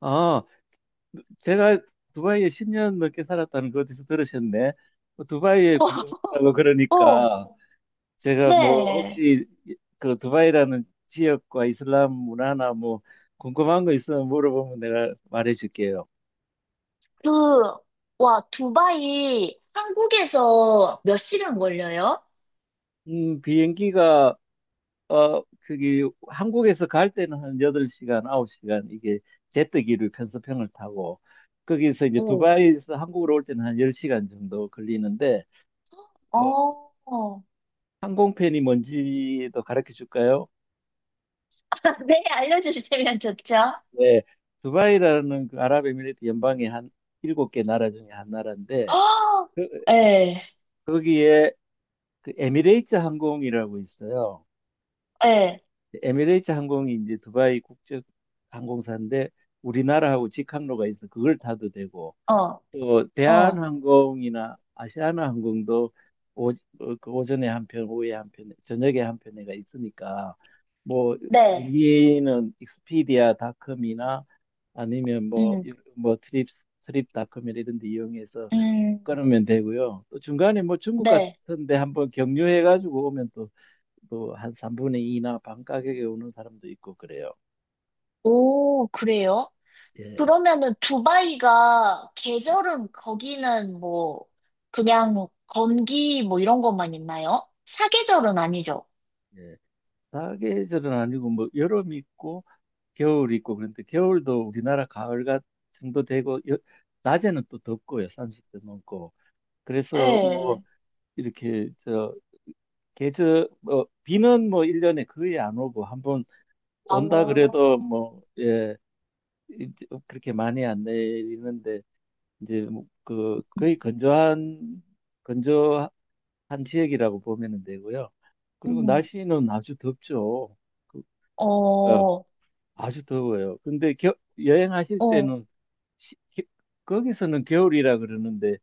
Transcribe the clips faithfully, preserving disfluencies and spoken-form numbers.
아, 제가 두바이에 십 년 넘게 살았다는 거 어디서 들으셨네? 뭐, 두바이에 어, 궁금하다고 어, 그러니까 제가 뭐 네. 혹시 그 두바이라는 지역과 이슬람 문화나 뭐 궁금한 거 있으면 물어보면 내가 말해줄게요. 그, 와, 두바이 한국에서 몇 시간 걸려요? 음, 비행기가 어 그기 한국에서 갈 때는 한 여덟 시간, 아홉 시간, 이게 제트기로 편서평을 타고, 거기서 이제 오, 두바이에서 한국으로 올 때는 한 열 시간 정도 걸리는데, 어, 어, 어. 항공편이 뭔지도 가르쳐 줄까요? 네, 알려주시면 좋죠. 네, 두바이라는 그 아랍에미리트 연방의 한 일곱 개 나라 중에 한 나라인데, 어, 그, 예, 거기에 그 에미레이트 항공이라고 있어요. 예, 에미레이트 항공이 이제 두바이 국적 항공사인데, 우리나라하고 직항로가 있어 그걸 타도 되고, 어, 또 어, 대한항공이나 아시아나항공도, 오, 어, 그 오전에 한 편, 오후에 한 편, 저녁에 한 편에가 있으니까, 뭐 네, 비행기는 익스피디아닷컴이나 아니면 음, 뭐뭐 트립 트립닷컴이나 이런 데 이용해서 음, 끊으면 되고요. 또 중간에 뭐 중국 네. 같은데 한번 경유해 가지고 오면 또 또 한 삼분의 이나 반 가격에 오는 사람도 있고 그래요. 오, 그래요? 예. 그러면은 두바이가 계절은 거기는 뭐, 그냥 건기 뭐 이런 것만 있나요? 사계절은 아니죠? 예. 사계절은 아니고 뭐 여름 있고 겨울 있고, 그런데 겨울도 우리나라 가을 같 정도 되고, 여- 낮에는 또 덥고요, 삼십도 넘고. 그래서 뭐 예. 이렇게 저 계절 뭐 비는 뭐 일 년에 거의 안 오고, 한번 온다 아, 그래도 뭐 예 이- 그렇게 많이 안 내리는데, 이제 뭐그 거의 건조한 건조한 지역이라고 보면 되고요. 그리고 음. 날씨는 아주 덥죠. 그 어, 아주 더워요. 근데 겨, 여행하실 어, 때는 시- 기- 거기서는 겨울이라 그러는데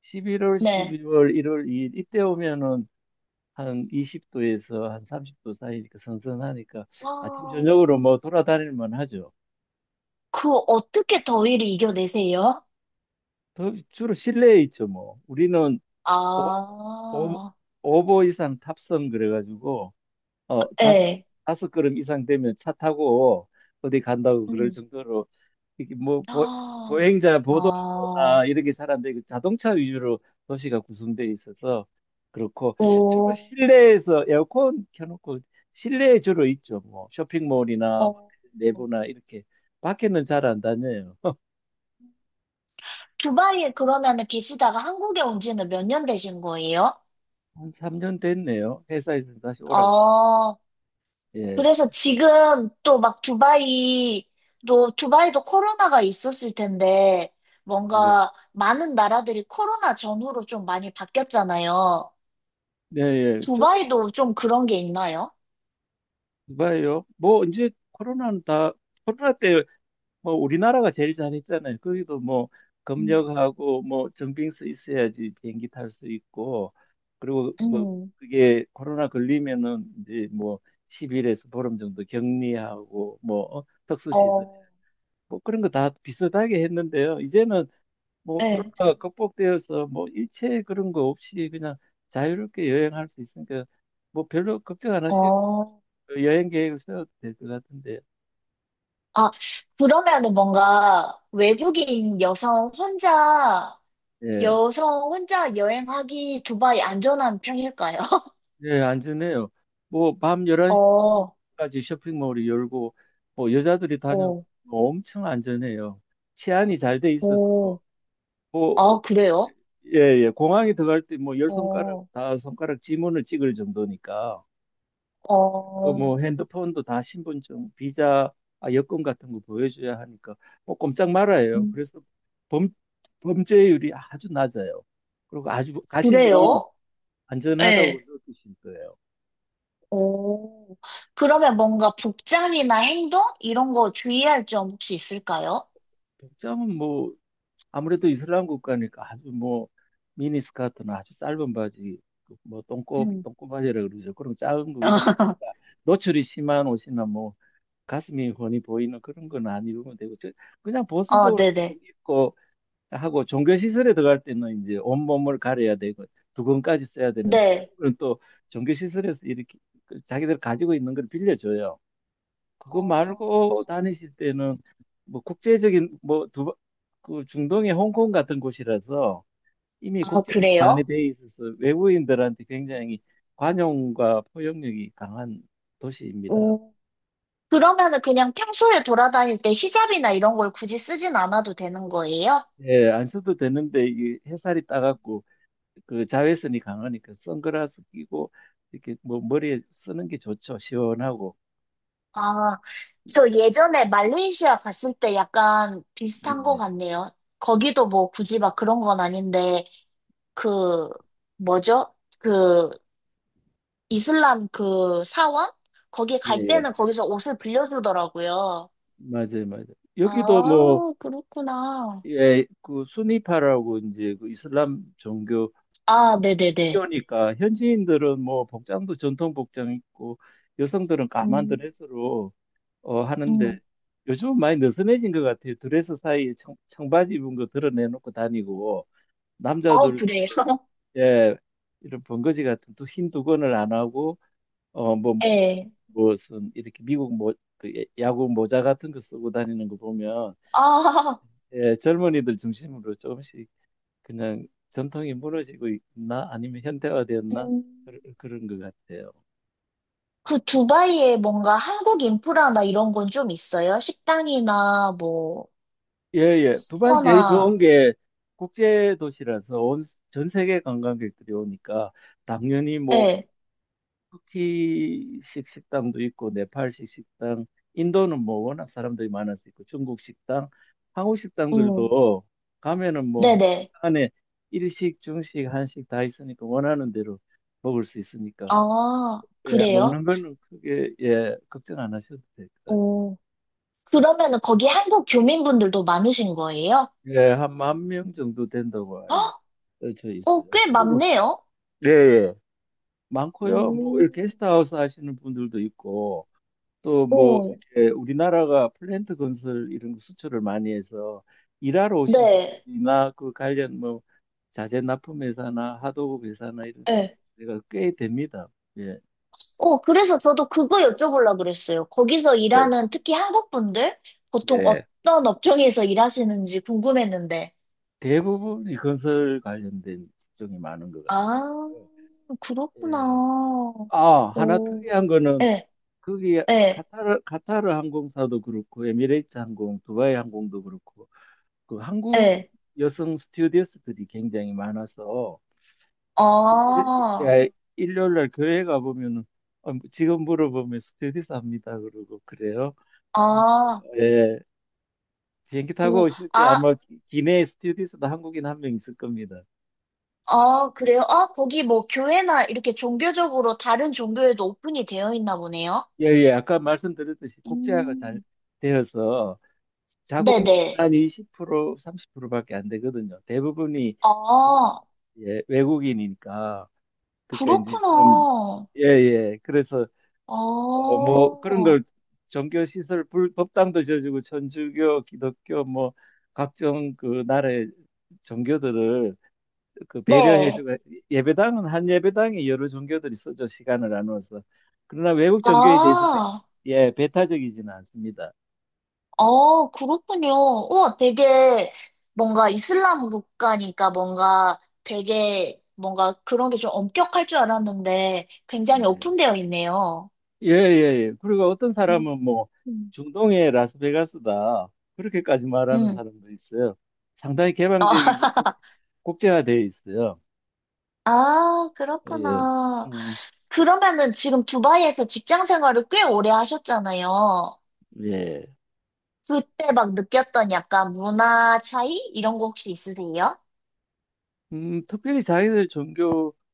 십일월, 네. 십이월, 일월, 이 일 이때 오면은 한 이십 도에서 한 삼십 도 사이니까 선선하니까 아침 아, 저녁으로 뭐 돌아다닐 만하죠. 그 어떻게 더위를 이겨내세요? 더- 주로 실내에 있죠 뭐. 우리는 오, 오, 아, 오보 이상 탑승 그래가지고 어 다섯 예. 다섯 걸음 이상 되면 차 타고 어디 간다고 그럴 음. 정도로 이게 뭐 보, 아, 보행자 보도나 아, 이런 게 잘 안 되고 자동차 위주로 도시가 구성되어 있어서 그렇고, 주로 오, 실내에서 에어컨 켜놓고 실내에 주로 있죠. 뭐 쇼핑몰이나 어. 호텔 내부나 이렇게 밖에는 잘 안 다녀요. 두바이에 그러면은 계시다가 한국에 온 지는 몇 년 되신 거예요? 한 삼 년 됐네요. 회사에서 다시 오라 그래요. 아, 예. 그래서 지금 또 막 두바이도, 두바이도 코로나가 있었을 텐데, 예. 뭔가 많은 나라들이 코로나 전후로 좀 많이 바뀌었잖아요. 네, 예. 저도 두바이도 좀 그런 게 있나요? 봐요. 뭐 이제 코로나는 다 코로나 때 뭐 우리나라가 제일 잘했잖아요. 거기도 뭐 음. 검역하고 뭐 정빙서 있어야지 비행기 탈 수 있고, 그리고 뭐 음, 그게 코로나 걸리면은 이제 뭐 십 일에서 보름 정도 격리하고 뭐 어, 특수시설 어, 뭐 그런 거 다 비슷하게 했는데요. 이제는 뭐 네, 코로나가 극복되어서 뭐 일체 그런 거 없이 그냥 자유롭게 여행할 수 있으니까 뭐 별로 걱정 안 하시고 어. 여행 계획을 세워도 될 것 같은데. 아, 그러면은 뭔가 외국인 여성 혼자, 예. 여성 혼자 여행하기 두바이 안전한 편일까요? 네, 안전해요. 뭐, 밤 어, 어, 열한 시까지 쇼핑몰이 열고, 뭐, 여자들이 다녀도 엄청 안전해요. 치안이 잘 돼 있어서, 오. 뭐, 아, 그래요? 예, 예, 공항에 들어갈 때 뭐, 열 손가락 어. 다 손가락 지문을 찍을 정도니까, 뭐, 뭐 어, 핸드폰도 다 신분증, 비자, 아, 여권 같은 거 보여줘야 하니까, 뭐, 꼼짝 말아요. 음, 그래서 범, 범죄율이 아주 낮아요. 그리고 아주 가시면 그래요? 안전하다고 네. 느끼실 거예요. 오, 그러면 뭔가 복장이나 행동? 이런 거 주의할 점 혹시 있을까요? 백점은 뭐, 아무래도 이슬람 국가니까 아주 뭐 미니스커트나 아주 짧은 바지, 뭐 똥꼬 음. 똥꼬바지라 그러죠. 그런 짧은 거 이런 거 노출이 심한 옷이나 뭐 가슴이 훤히 보이는 그런 건 안 입으면 되고, 저- 그냥 어, 보수적으로 조금 네네. 입고 하고, 종교 시설에 들어갈 때는 이제 온몸을 가려야 되고 두건까지 써야 되는데, 네. 그런 건또 종교 시설에서 이렇게 그 자기들 가지고 있는 걸 빌려줘요. 그거 어, 말고 다니실 때는 뭐 국제적인 뭐 두, 그 중동의 홍콩 같은 곳이라서 이미 아, 국제가 많이 그래요? 돼 있어서 외국인들한테 굉장히 관용과 포용력이 강한 도시입니다. 오. 그러면은 그냥 평소에 돌아다닐 때 히잡이나 이런 걸 굳이 쓰진 않아도 되는 거예요? 예, 안 써도 되는데 이 햇살이 따갑고 그 자외선이 강하니까 선글라스 끼고 이렇게 뭐 머리에 쓰는 게 좋죠. 시원하고. 아, 저 예전에 말레이시아 갔을 때 약간 비슷한 거 네. 같네요. 거기도 뭐 굳이 막 그런 건 아닌데, 그, 뭐죠? 그, 이슬람 그 사원? 거기 예, 갈 예. 때는 거기서 옷을 빌려주더라고요. 맞아요, 맞아요. 아, 여기도 뭐 그렇구나. 예, 그 수니파라고 이제 그 이슬람 종교 아, 네네네. 학교니까 현지인들은 뭐 복장도 전통 복장 있고 여성들은 까만 음, 드레스로 어, 하는데 음. 요즘은 많이 느슨해진 것 같아요. 드레스 사이에 청, 청바지 입은 거 드러내놓고 다니고 아, 남자들도 그래요? 예 이런 번거지 같은 또 흰 두건을 안 하고 어 뭐 예. 무슨 이렇게 미국 모, 그 야구 모자 같은 거 쓰고 다니는 거 보면 아, 예 젊은이들 중심으로 조금씩 그냥 전통이 무너지고 있나 아니면 현대화되었나 음. 그런, 그런 것 같아요. 그 두바이에 뭔가 한국 인프라나 이런 건 좀 있어요? 식당이나 뭐, 예예. 수 두바이 퍼 제일 나 좋은 게 국제 도시라서 온, 전 세계 관광객들이 오니까 당연히 뭐 예. 터키식 식당도 있고 네팔식 식당, 인도는 뭐 워낙 사람들이 많아서 있고 중국 식당, 한국 음, 식당들도 가면은 뭐 네네. 안에 일식, 중식, 한식 다 있으니까 원하는 대로 먹을 수 있으니까, 아, 예, 그래요? 먹는 거는 크게 예, 걱정 안 하셔도 될 것 같아요. 오. 그러면은 거기 한국 교민분들도 많으신 거예요? 예, 한 만 명 정도 된다고 헉? 알려져 어, 있어요. 꽤 그리고 많네요. 예, 예. 많고요. 뭐 오, 이렇게 게스트하우스 하시는 분들도 있고 또 뭐 오. 이렇게 우리나라가 플랜트 건설 이런 거 수출을 많이 해서 일하러 오신 네. 분들이나 그 관련 뭐 자재 납품 회사나 하도급 회사나 이런 네. 데가 꽤 됩니다. 예, 어, 그래서 저도 그거 여쭤보려고 그랬어요. 거기서 예, 일하는 특히 한국 분들 보통 네. 어떤 업종에서 일하시는지 궁금했는데. 대부분이 건설 관련된 직종이 많은 것 아, 같아요. 그렇구나. 예. 아, 하나 오, 특이한 거는 예, 거기 예, 카타르 카타르 항공사도 그렇고 에미레이트 항공, 두바이 항공도 그렇고 그 한국 예. 여성 스튜어디스들이 굉장히 많아서 그 일, 아, 야, 일요일 날 교회 가 보면은 어, 지금 물어보면 스튜어디스 합니다 그러고 그래요. 그래서 아, 예, 비행기 타고 오, 오실 때 아, 아마 기- 기내 스튜어디스도 한국인 한 명 있을 겁니다. 아, 그래요? 아, 거기 뭐 교회나 이렇게 종교적으로 다른 종교에도 오픈이 되어 있나 보네요? 예, 예, 아까 말씀드렸듯이 국제화가 잘 음, 되어서 자국민은 네네. 한 이십 퍼센트, 삼십 프로밖에 안 되거든요. 대부분이 아, 예, 외국인이니까, 그러니까 이제 좀 그렇구나. 예예 그래서 아, 어, 뭐 그런 걸 종교 시설 불, 법당도 지어주고 천주교, 기독교 뭐 각종 그 나라의 종교들을 그 네. 배려해주고, 예배당은 한 예배당에 여러 종교들이 있어죠 시간을 나눠서. 그러나 외국 종교에 대해서 배, 아, 예 배타적이지는 않습니다. 아, 그렇군요. 우 되게 뭔가 이슬람 국가니까 뭔가 되게 뭔가 그런 게 좀 엄격할 줄 알았는데 굉장히 네. 오픈되어 있네요. 예, 예, 예. 그리고 어떤 음, 사람은 뭐 음, 중동의 라스베가스다. 그렇게까지 말하는 음. 사람도 있어요. 상당히 어, 개방적이고 국, 국제화되어 있어요. 아, 예. 예. 그렇구나. 음, 그러면은 지금 두바이에서 직장 생활을 꽤 오래 하셨잖아요. 예. 그때 막 느꼈던 약간 문화 차이? 이런 거 혹시 있으세요? 음, 특별히 자기들 종교에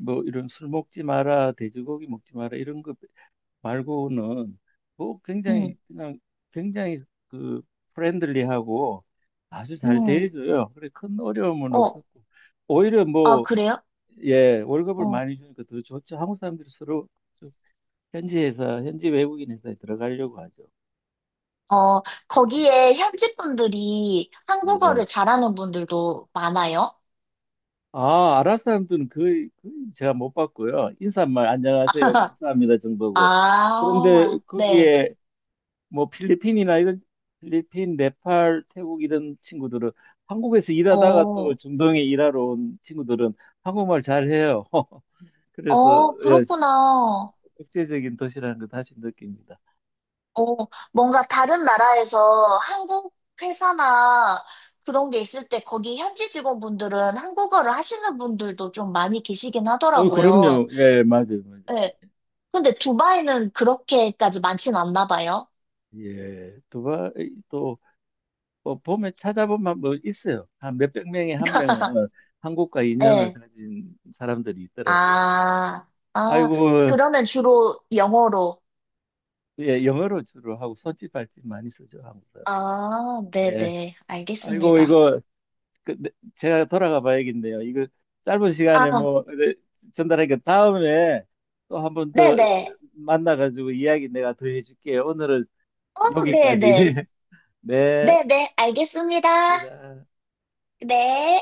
뭐 이런 술 먹지 마라, 돼지고기 먹지 마라 이런 거 말고는 뭐 굉장히 음, 그냥 굉장히 그 프렌들리하고 아주 잘 음. 대해줘요. 그래 큰 어려움은 어, 없었고 오히려 아, 뭐 그래요? 예, 월급을 어, 많이 주니까 더 좋죠. 한국 사람들이 서로 좀 현지 회사, 현지 외국인 회사에 들어가려고 하죠. 어, 거기에 현지 분들이 예. 한국어를 잘하는 분들도 많아요? 아, 아랍 사람들은 거의, 거의 제가 못 봤고요. 인사말 안녕하세요, 감사합니다 정도고. 그런데 아, 네. 거기에 뭐 필리핀이나 이런 필리핀, 네팔, 태국 이런 친구들은 한국에서 일하다가 또 어, 중동에 일하러 온 친구들은 한국말 잘해요. 그래서 어, 예, 그렇구나. 국제적인 도시라는 걸 다시 느낍니다. 어, 뭔가 다른 나라에서 한국 회사나 그런 게 있을 때 거기 현지 직원분들은 한국어를 하시는 분들도 좀 많이 계시긴 어, 하더라고요. 그럼요. 예, 맞아요, 맞아요. 네. 근데 두바이는 그렇게까지 많진 않나 봐요. 예, 누가 또 어, 보면 찾아보면 뭐 있어요. 한 몇백 명에 한 명은 한국과 인연을 네. 가진 사람들이 있더라고요. 아, 아, 아이고, 그러면 주로 영어로. 예, 영어로 주로 하고 손짓발짓 많이 쓰죠, 한국 사람. 아, 네. 네네. 아이고, 알겠습니다. 이거 그, 네, 제가 돌아가 봐야겠네요. 이거 짧은 시간에 아, 뭐 네, 전달하니까 다음에 또 한 번 더 네네. 만나가지고 이야기 내가 더 해줄게요. 오늘은 어, 여기까지. 네네. 네, 네네. 알겠습니다. 입니다. 네.